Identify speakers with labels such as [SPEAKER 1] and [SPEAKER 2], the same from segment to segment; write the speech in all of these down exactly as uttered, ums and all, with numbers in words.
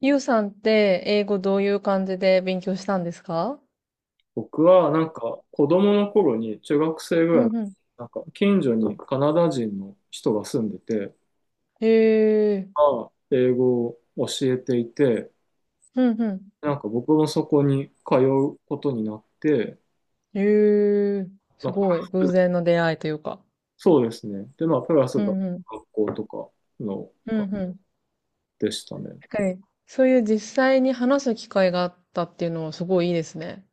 [SPEAKER 1] ゆうさんって英語どういう感じで勉強したんですか？
[SPEAKER 2] 僕はなんか子供の頃に中学生ぐ
[SPEAKER 1] う
[SPEAKER 2] らいの
[SPEAKER 1] んうん。
[SPEAKER 2] なんか近所にカナダ人の人が住んでて、
[SPEAKER 1] へえ、
[SPEAKER 2] まあ英語を教えていて、
[SPEAKER 1] うんう
[SPEAKER 2] なんか僕もそこに通うことになって、
[SPEAKER 1] ん。へえ、
[SPEAKER 2] ま
[SPEAKER 1] す
[SPEAKER 2] あ、プ
[SPEAKER 1] ごい。偶
[SPEAKER 2] ラス、
[SPEAKER 1] 然の出会いというか。
[SPEAKER 2] そうですね。で、まあ、プラス
[SPEAKER 1] う
[SPEAKER 2] が
[SPEAKER 1] んうん。
[SPEAKER 2] 学校とかの
[SPEAKER 1] うんうん。
[SPEAKER 2] でしたね。
[SPEAKER 1] はい。そういう実際に話す機会があったっていうのはすごいいいですね。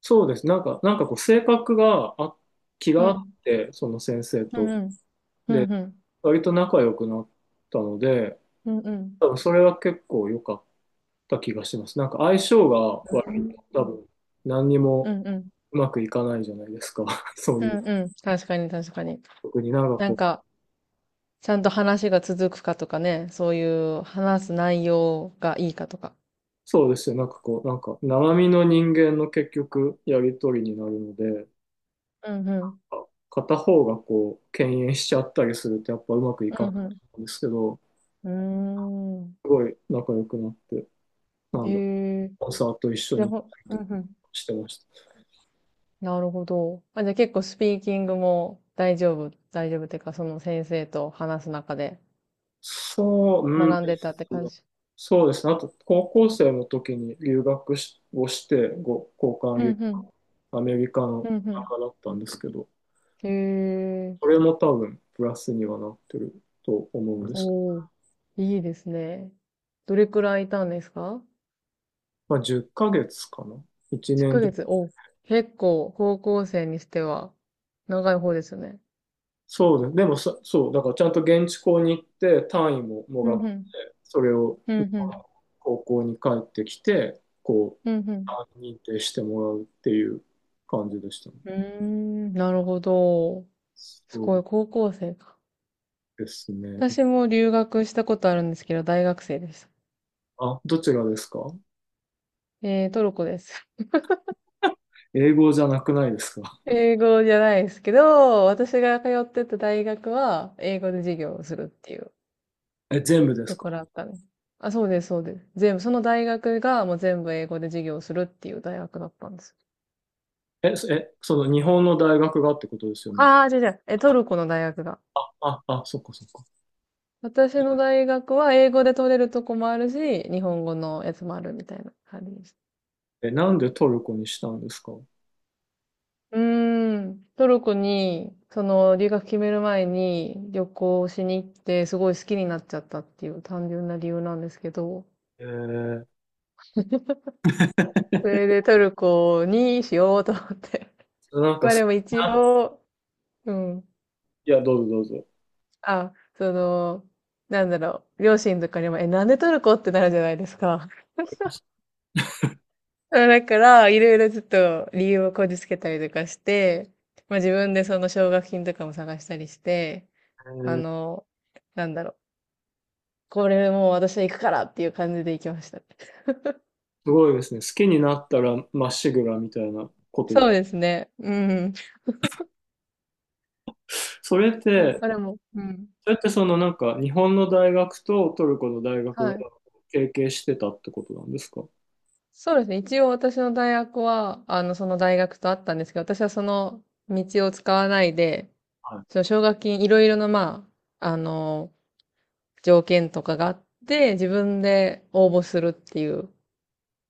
[SPEAKER 2] そうです。なんか、なんかこう性格があ、気
[SPEAKER 1] う
[SPEAKER 2] があっ
[SPEAKER 1] ん。
[SPEAKER 2] て、その先生
[SPEAKER 1] うん
[SPEAKER 2] と。
[SPEAKER 1] うん。う
[SPEAKER 2] で、
[SPEAKER 1] んうん。
[SPEAKER 2] 割と仲良くなったので、
[SPEAKER 1] うんうん。
[SPEAKER 2] 多分それは結構良かった気がしてます。なんか相性が悪いと多
[SPEAKER 1] う
[SPEAKER 2] 分何に
[SPEAKER 1] ん
[SPEAKER 2] も
[SPEAKER 1] うん。
[SPEAKER 2] うまくいかないじゃないですか。そう
[SPEAKER 1] う
[SPEAKER 2] いう、
[SPEAKER 1] んうん。確かに、確かに。
[SPEAKER 2] 特になんか
[SPEAKER 1] な
[SPEAKER 2] こ
[SPEAKER 1] ん
[SPEAKER 2] う、
[SPEAKER 1] か、ちゃんと話が続くかとかね、そういう話す内容がいいかとか。
[SPEAKER 2] そうですよ。なんかこう、なんか生身の人間の結局やりとりになるので、
[SPEAKER 1] うんうん。
[SPEAKER 2] 片方がこう、敬遠しちゃったりするとやっぱうまくいか
[SPEAKER 1] う
[SPEAKER 2] な
[SPEAKER 1] んうん。
[SPEAKER 2] いんですけど、
[SPEAKER 1] うーん。
[SPEAKER 2] すごい仲良くなって、な
[SPEAKER 1] へ
[SPEAKER 2] んだ、
[SPEAKER 1] え。
[SPEAKER 2] コンサート一緒
[SPEAKER 1] じゃ
[SPEAKER 2] に
[SPEAKER 1] あ、
[SPEAKER 2] 行っ
[SPEAKER 1] ほ、
[SPEAKER 2] たり
[SPEAKER 1] う
[SPEAKER 2] とか
[SPEAKER 1] んうん。
[SPEAKER 2] してました。
[SPEAKER 1] なるほど。あ、じゃあ結構スピーキングも大丈夫、大丈夫っていうか、その先生と話す中で
[SPEAKER 2] そう、うんで
[SPEAKER 1] 学んでたって
[SPEAKER 2] すね。
[SPEAKER 1] 感じ。
[SPEAKER 2] そうですね。あと、高校生の時に留学しをして、ご交換
[SPEAKER 1] うん
[SPEAKER 2] 留
[SPEAKER 1] うん。
[SPEAKER 2] アメリカ
[SPEAKER 1] う
[SPEAKER 2] の
[SPEAKER 1] ん
[SPEAKER 2] 中だったんですけど、
[SPEAKER 1] うん。へえ。
[SPEAKER 2] それも多分プラスにはなってると思うんです。
[SPEAKER 1] おー。いいですね。どれくらいいたんですか
[SPEAKER 2] まあ、じゅっかげつかげつかな？ いち
[SPEAKER 1] ?いち
[SPEAKER 2] 年
[SPEAKER 1] ヶ
[SPEAKER 2] 弱。
[SPEAKER 1] 月。お、結構高校生にしては長い方ですよね。
[SPEAKER 2] そうです。でもさ、そう、だからちゃんと現地校に行って単位もも
[SPEAKER 1] う
[SPEAKER 2] らって、
[SPEAKER 1] んうん。
[SPEAKER 2] それを
[SPEAKER 1] う
[SPEAKER 2] 日
[SPEAKER 1] んう
[SPEAKER 2] 本
[SPEAKER 1] ん。
[SPEAKER 2] の高校に帰ってきて、こ
[SPEAKER 1] うん
[SPEAKER 2] う、
[SPEAKER 1] うん。
[SPEAKER 2] 単位認定してもらうっていう感じでしたね。
[SPEAKER 1] うーん、なるほど。す
[SPEAKER 2] そう
[SPEAKER 1] ごい、高校生か。
[SPEAKER 2] ですね。
[SPEAKER 1] 私も留学したことあるんですけど、大学生でした。
[SPEAKER 2] あ、どちらですか？
[SPEAKER 1] えー、トルコです。
[SPEAKER 2] 英語じゃなくないですか？
[SPEAKER 1] 英語じゃないですけど、私が通ってた大学は、英語で授業をするっていう
[SPEAKER 2] え、全部で
[SPEAKER 1] と
[SPEAKER 2] すか？
[SPEAKER 1] ころだったんです。あ、そうです、そうです。全部、その大学がもう全部英語で授業をするっていう大学だったんです。
[SPEAKER 2] え、そえ、その日本の大学がってことですよね。
[SPEAKER 1] ああ、じゃじゃ、え、トルコの大学が。
[SPEAKER 2] あ、あ、そっかそっか。
[SPEAKER 1] 私の大学は英語で取れるとこもあるし、日本語のやつもあるみたいな感じでした。
[SPEAKER 2] え、なんでトルコにしたんですか？
[SPEAKER 1] うーん、トルコに、その、留学決める前に旅行しに行って、すごい好きになっちゃったっていう単純な理由なんですけど、
[SPEAKER 2] えー、
[SPEAKER 1] それでトルコにしようと思って。
[SPEAKER 2] なん か
[SPEAKER 1] ま
[SPEAKER 2] 好
[SPEAKER 1] あ
[SPEAKER 2] き
[SPEAKER 1] でも一
[SPEAKER 2] な、
[SPEAKER 1] 応、うん。
[SPEAKER 2] いや、どうぞどうぞ。
[SPEAKER 1] あ、その、なんだろう、両親とかにも、え、なんでトルコってなるじゃないですか。だから、いろいろちょっと理由をこじつけたりとかして、まあ自分でその奨学金とかも探したりして、
[SPEAKER 2] え
[SPEAKER 1] あ
[SPEAKER 2] ー、
[SPEAKER 1] の、なんだろう。これもう私は行くからっていう感じで行きましたね。
[SPEAKER 2] すごいですね。好きになったらまっしぐらみたいなことで。
[SPEAKER 1] そうですね。うん。
[SPEAKER 2] それっ
[SPEAKER 1] そ
[SPEAKER 2] て、
[SPEAKER 1] それも、うん。
[SPEAKER 2] それってそのなんか日本の大学とトルコの大学
[SPEAKER 1] は
[SPEAKER 2] が
[SPEAKER 1] い。
[SPEAKER 2] 提携してたってことなんですか？
[SPEAKER 1] そうですね。一応私の大学は、あの、その大学とあったんですけど、私はその道を使わないで、そ
[SPEAKER 2] は
[SPEAKER 1] の奨学金いろいろな、まあ、あの、条件とかがあって、自分で応募するっていう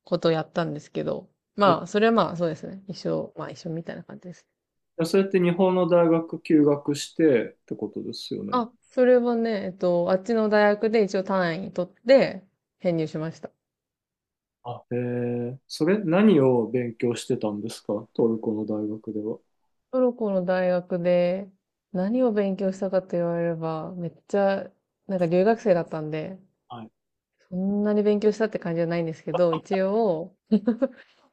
[SPEAKER 1] ことをやったんですけど、
[SPEAKER 2] い。え
[SPEAKER 1] まあ、
[SPEAKER 2] ー
[SPEAKER 1] それはまあ、そうですね。一緒、まあ一緒みたいな感じです。
[SPEAKER 2] それって日本の大学休学してってことですよね。
[SPEAKER 1] あ、それはね、えっと、あっちの大学で一応単位取って編入しました。
[SPEAKER 2] あ、えー、それ何を勉強してたんですか？トルコの大学では。
[SPEAKER 1] トルコの大学で何を勉強したかと言われれば、めっちゃ、なんか留学生だったんで、
[SPEAKER 2] はい。
[SPEAKER 1] そんなに勉強したって感じじゃないんですけど、一応、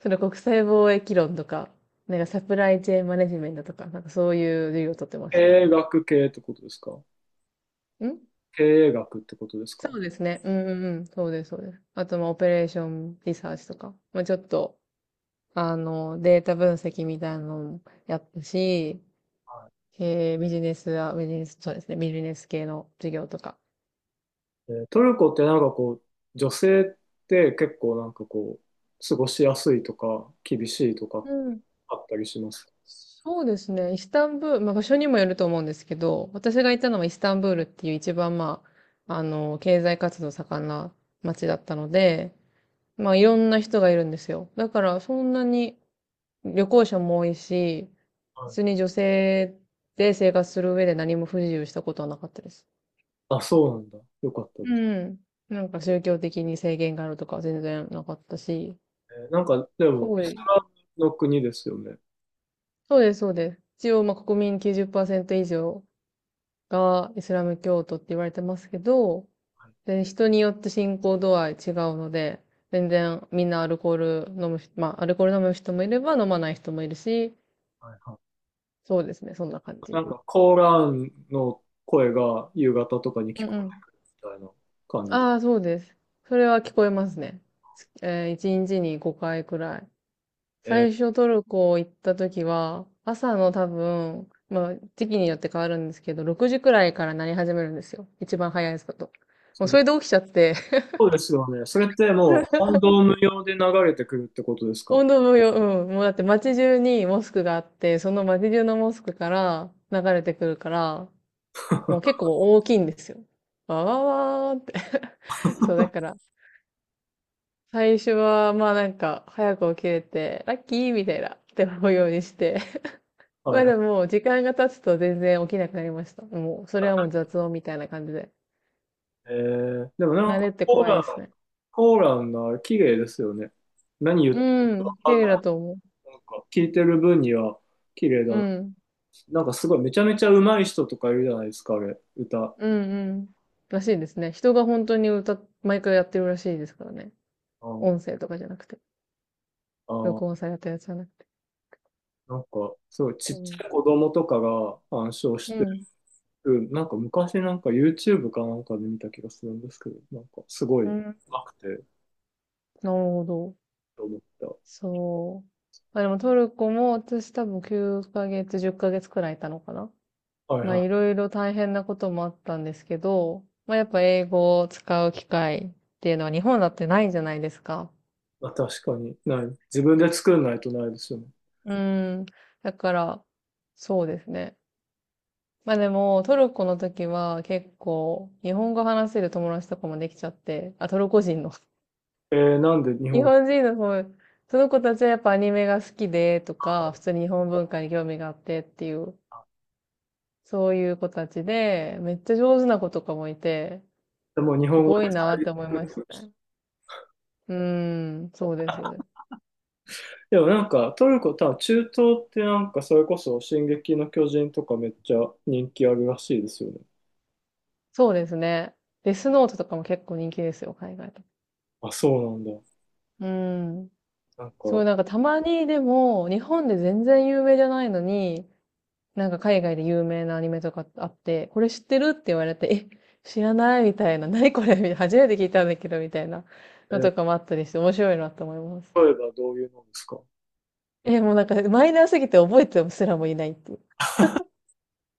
[SPEAKER 1] それ国際貿易論とか、なんかサプライチェーンマネジメントとか、なんかそういう授業を取ってま
[SPEAKER 2] 経
[SPEAKER 1] したね。
[SPEAKER 2] 営学系ってことですか？
[SPEAKER 1] ん
[SPEAKER 2] 経営学ってことですか？は
[SPEAKER 1] そうですね。うんうんうん。そうです、そうです。あと、まあ、オペレーションリサーチとか、まあ、ちょっと、あの、データ分析みたいなのもやったし、
[SPEAKER 2] い。
[SPEAKER 1] えービジネスは、ビジネス、そうですね、ビジネス系の授業とか。
[SPEAKER 2] えートルコってなんかこう、女性って結構なんかこう、過ごしやすいとか、厳しいとか
[SPEAKER 1] うん。
[SPEAKER 2] あったりします？
[SPEAKER 1] そうですね。イスタンブール、まあ場所にもよると思うんですけど、私が行ったのはイスタンブールっていう一番まあ、あの、経済活動盛んな街だったので、まあいろんな人がいるんですよ。だからそんなに旅行者も多いし、普
[SPEAKER 2] はい。
[SPEAKER 1] 通に女性で生活する上で何も不自由したことはなかったです。
[SPEAKER 2] あ、そうなんだ。よかった
[SPEAKER 1] う
[SPEAKER 2] です。
[SPEAKER 1] ん。なんか宗教的に制限があるとかは全然なかったし、
[SPEAKER 2] えーなんかで
[SPEAKER 1] す
[SPEAKER 2] も、
[SPEAKER 1] ご
[SPEAKER 2] イス
[SPEAKER 1] い。
[SPEAKER 2] ラムの国ですよね。
[SPEAKER 1] そうです、そうです。一応まあ国民きゅうじゅうパーセント以上がイスラム教徒って言われてますけど、
[SPEAKER 2] はい。
[SPEAKER 1] で、人によって信仰度合い違うので、全然みんなアルコール飲む人、まあ、アルコール飲む人もいれば飲まない人もいるし、
[SPEAKER 2] はいはい。
[SPEAKER 1] そうですね、そんな感
[SPEAKER 2] な
[SPEAKER 1] じ。
[SPEAKER 2] んかコーランの声が夕方とかに聞
[SPEAKER 1] うん
[SPEAKER 2] こ
[SPEAKER 1] うん。
[SPEAKER 2] えるみたいな感じだ。
[SPEAKER 1] ああ、そうです。それは聞こえますね。えー、いちにちにごかいくらい。
[SPEAKER 2] えー
[SPEAKER 1] 最初トルコ行った時は、朝の多分、まあ、時期によって変わるんですけど、ろくじくらいから鳴り始めるんですよ。一番早いですこと。も
[SPEAKER 2] す
[SPEAKER 1] う
[SPEAKER 2] ご
[SPEAKER 1] そ
[SPEAKER 2] い。
[SPEAKER 1] れで起きちゃって。
[SPEAKER 2] そうですよね。それってもう、ワンドーム用で流れてくるってことですか？
[SPEAKER 1] 本当もよ、うん。もうだって街中にモスクがあって、その街中のモスクから流れてくるから、もう結構大きいんですよ。わわわーって。 そう、だから、最初は、まあなんか、早く起きれて、ラッキーみたいな、って思うようにして。
[SPEAKER 2] は
[SPEAKER 1] まあ
[SPEAKER 2] い。
[SPEAKER 1] でも、時間が経つと全然起きなくなりました。もう、それはもう雑音みたいな感じで。
[SPEAKER 2] えー、でもなん
[SPEAKER 1] 慣
[SPEAKER 2] か
[SPEAKER 1] れって
[SPEAKER 2] コー
[SPEAKER 1] 怖
[SPEAKER 2] ラ
[SPEAKER 1] いで
[SPEAKER 2] ン、
[SPEAKER 1] すね。
[SPEAKER 2] コーランが綺麗ですよね。何言ってる
[SPEAKER 1] うん、綺
[SPEAKER 2] か
[SPEAKER 1] 麗
[SPEAKER 2] な、
[SPEAKER 1] だと思う。
[SPEAKER 2] なんか聞いてる分には綺麗だ
[SPEAKER 1] う
[SPEAKER 2] な。
[SPEAKER 1] ん。
[SPEAKER 2] なんかすごいめちゃめちゃ上手い人とかいるじゃないですか、あれ、歌。
[SPEAKER 1] うんうん。らしいですね。人が本当に歌っ、毎回やってるらしいですからね。
[SPEAKER 2] あ
[SPEAKER 1] 音声とかじゃなくて、録音
[SPEAKER 2] あ、
[SPEAKER 1] されたやつじゃなくて。
[SPEAKER 2] なんかすごいち
[SPEAKER 1] そ
[SPEAKER 2] っ
[SPEAKER 1] う。
[SPEAKER 2] ちゃい子供とかが鑑賞し
[SPEAKER 1] う
[SPEAKER 2] て
[SPEAKER 1] ん。
[SPEAKER 2] る。なんか昔なんか ユーチューブ かなんかで見た気がするんですけど、なんかすごい
[SPEAKER 1] う
[SPEAKER 2] 上
[SPEAKER 1] ん。
[SPEAKER 2] 手くて
[SPEAKER 1] なるほど。
[SPEAKER 2] と思った。
[SPEAKER 1] そう。まあでもトルコも私多分きゅうかげつ、じゅっかげつくらいいたのかな。
[SPEAKER 2] はい
[SPEAKER 1] まあ
[SPEAKER 2] は
[SPEAKER 1] い
[SPEAKER 2] い。
[SPEAKER 1] ろいろ大変なこともあったんですけど、まあやっぱ英語を使う機会っていうのは日本だってないじゃないですか。
[SPEAKER 2] まあ、確かにない。自分で作んないとないですよね。
[SPEAKER 1] うん。だから、そうですね。まあでもトルコの時は結構日本語話せる友達とかもできちゃって、あ、トルコ人の。
[SPEAKER 2] えー、なんで日
[SPEAKER 1] 日
[SPEAKER 2] 本
[SPEAKER 1] 本人の方、その子たちはやっぱアニメが好きでとか、普通に日本文化に興味があってっていう、そういう子たちで、めっちゃ上手な子とかもいて、
[SPEAKER 2] でもう日
[SPEAKER 1] す
[SPEAKER 2] 本語
[SPEAKER 1] ご
[SPEAKER 2] で
[SPEAKER 1] いなって思い
[SPEAKER 2] 作っ
[SPEAKER 1] ま
[SPEAKER 2] て
[SPEAKER 1] し
[SPEAKER 2] ま
[SPEAKER 1] た
[SPEAKER 2] した。
[SPEAKER 1] ね。うーん、そうです、そうです。
[SPEAKER 2] でもなんかトルコ、多分中東ってなんかそれこそ「進撃の巨人」とかめっちゃ人気あるらしいですよね。
[SPEAKER 1] そうですね。デスノートとかも結構人気ですよ、海外と。
[SPEAKER 2] あ、そうなんだ。
[SPEAKER 1] うーん。
[SPEAKER 2] なん
[SPEAKER 1] すご
[SPEAKER 2] か、
[SPEAKER 1] いなんかたまにでも、日本で全然有名じゃないのに、なんか海外で有名なアニメとかあって、これ知ってるって言われて、え、知らないみたいな、何これみたいな初めて聞いたんだけど、みたいな
[SPEAKER 2] え
[SPEAKER 1] の
[SPEAKER 2] ー
[SPEAKER 1] とかもあったりして、面白いなと思います。
[SPEAKER 2] 例えばどういうのですか？
[SPEAKER 1] え、もうなんかマイナーすぎて覚えてすらもいないっていう。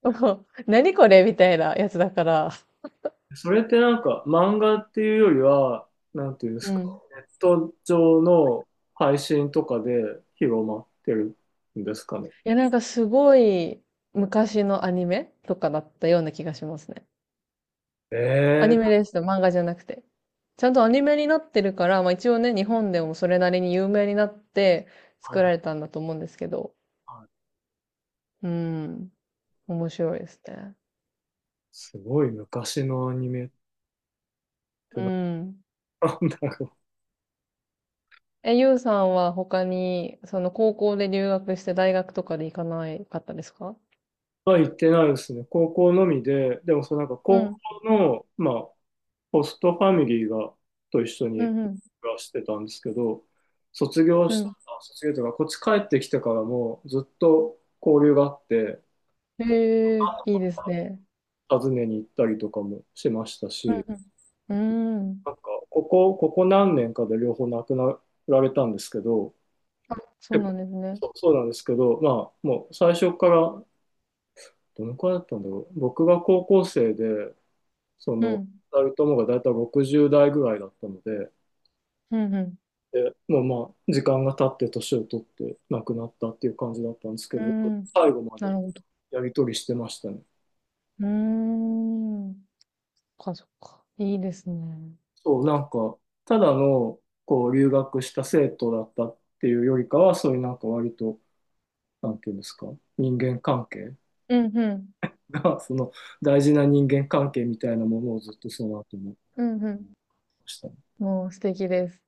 [SPEAKER 1] もう何これみたいなやつだから。
[SPEAKER 2] それってなんか漫画っていうよりは、なんていうんです
[SPEAKER 1] う
[SPEAKER 2] か、
[SPEAKER 1] ん。
[SPEAKER 2] ネット上の配信とかで広まってるんですかね。
[SPEAKER 1] いや、なんかすごい昔のアニメとかだったような気がしますね。ア
[SPEAKER 2] え
[SPEAKER 1] ニ
[SPEAKER 2] ー、
[SPEAKER 1] メですと漫画じゃなくて。ちゃんとアニメになってるから、まあ一応ね、日本でもそれなりに有名になって
[SPEAKER 2] はい
[SPEAKER 1] 作ら
[SPEAKER 2] は
[SPEAKER 1] れたんだと思うんですけど。
[SPEAKER 2] いはい。
[SPEAKER 1] うん、面白いですね。
[SPEAKER 2] すごい昔のアニメって
[SPEAKER 1] う
[SPEAKER 2] な
[SPEAKER 1] ん。
[SPEAKER 2] なんだろう。
[SPEAKER 1] え、ゆうさんは他に、その高校で留学して大学とかで行かないかったですか？
[SPEAKER 2] は行ってないですね。高校のみで、でもそのなんか
[SPEAKER 1] う
[SPEAKER 2] 高
[SPEAKER 1] ん、
[SPEAKER 2] 校の、まあ、ホストファミリーが、と一緒
[SPEAKER 1] う
[SPEAKER 2] に
[SPEAKER 1] ん、うん、
[SPEAKER 2] 暮らしてたんですけど、卒業
[SPEAKER 1] う
[SPEAKER 2] した、
[SPEAKER 1] ん。
[SPEAKER 2] あ卒業というか、こっち帰ってきてからもずっと交流があって、
[SPEAKER 1] へえ、いいですね。
[SPEAKER 2] 訪ねに行ったりとかもしましたし、
[SPEAKER 1] うん、うん。うん。
[SPEAKER 2] なんか、ここ、ここ何年かで両方亡くなられたんですけど、
[SPEAKER 1] あ、そう
[SPEAKER 2] 結
[SPEAKER 1] な
[SPEAKER 2] 構
[SPEAKER 1] んですね。
[SPEAKER 2] そう、そうなんですけど、まあ、もう最初から、どのくらいだったんだろう。僕が高校生で、そ
[SPEAKER 1] う
[SPEAKER 2] の、
[SPEAKER 1] ん、
[SPEAKER 2] 二人ともがだいたいろくじゅう代ぐらいだったので、
[SPEAKER 1] うん、うん。
[SPEAKER 2] で、もうまあ、時間が経って年を取って亡くなったっていう感じだったんですけ
[SPEAKER 1] う
[SPEAKER 2] ど、
[SPEAKER 1] ん。
[SPEAKER 2] 最後まで
[SPEAKER 1] なるほど。
[SPEAKER 2] やり取りしてましたね。
[SPEAKER 1] うーん。そっか、そっか。いいですね。
[SPEAKER 2] そう、なんか、ただの、こう、留学した生徒だったっていうよりかは、そういうなんか割と、なんていうんですか、人間関係
[SPEAKER 1] うん、うん、
[SPEAKER 2] が その、大事な人間関係みたいなものをずっとその後もして
[SPEAKER 1] うん、うん。
[SPEAKER 2] ました。
[SPEAKER 1] もう素敵です。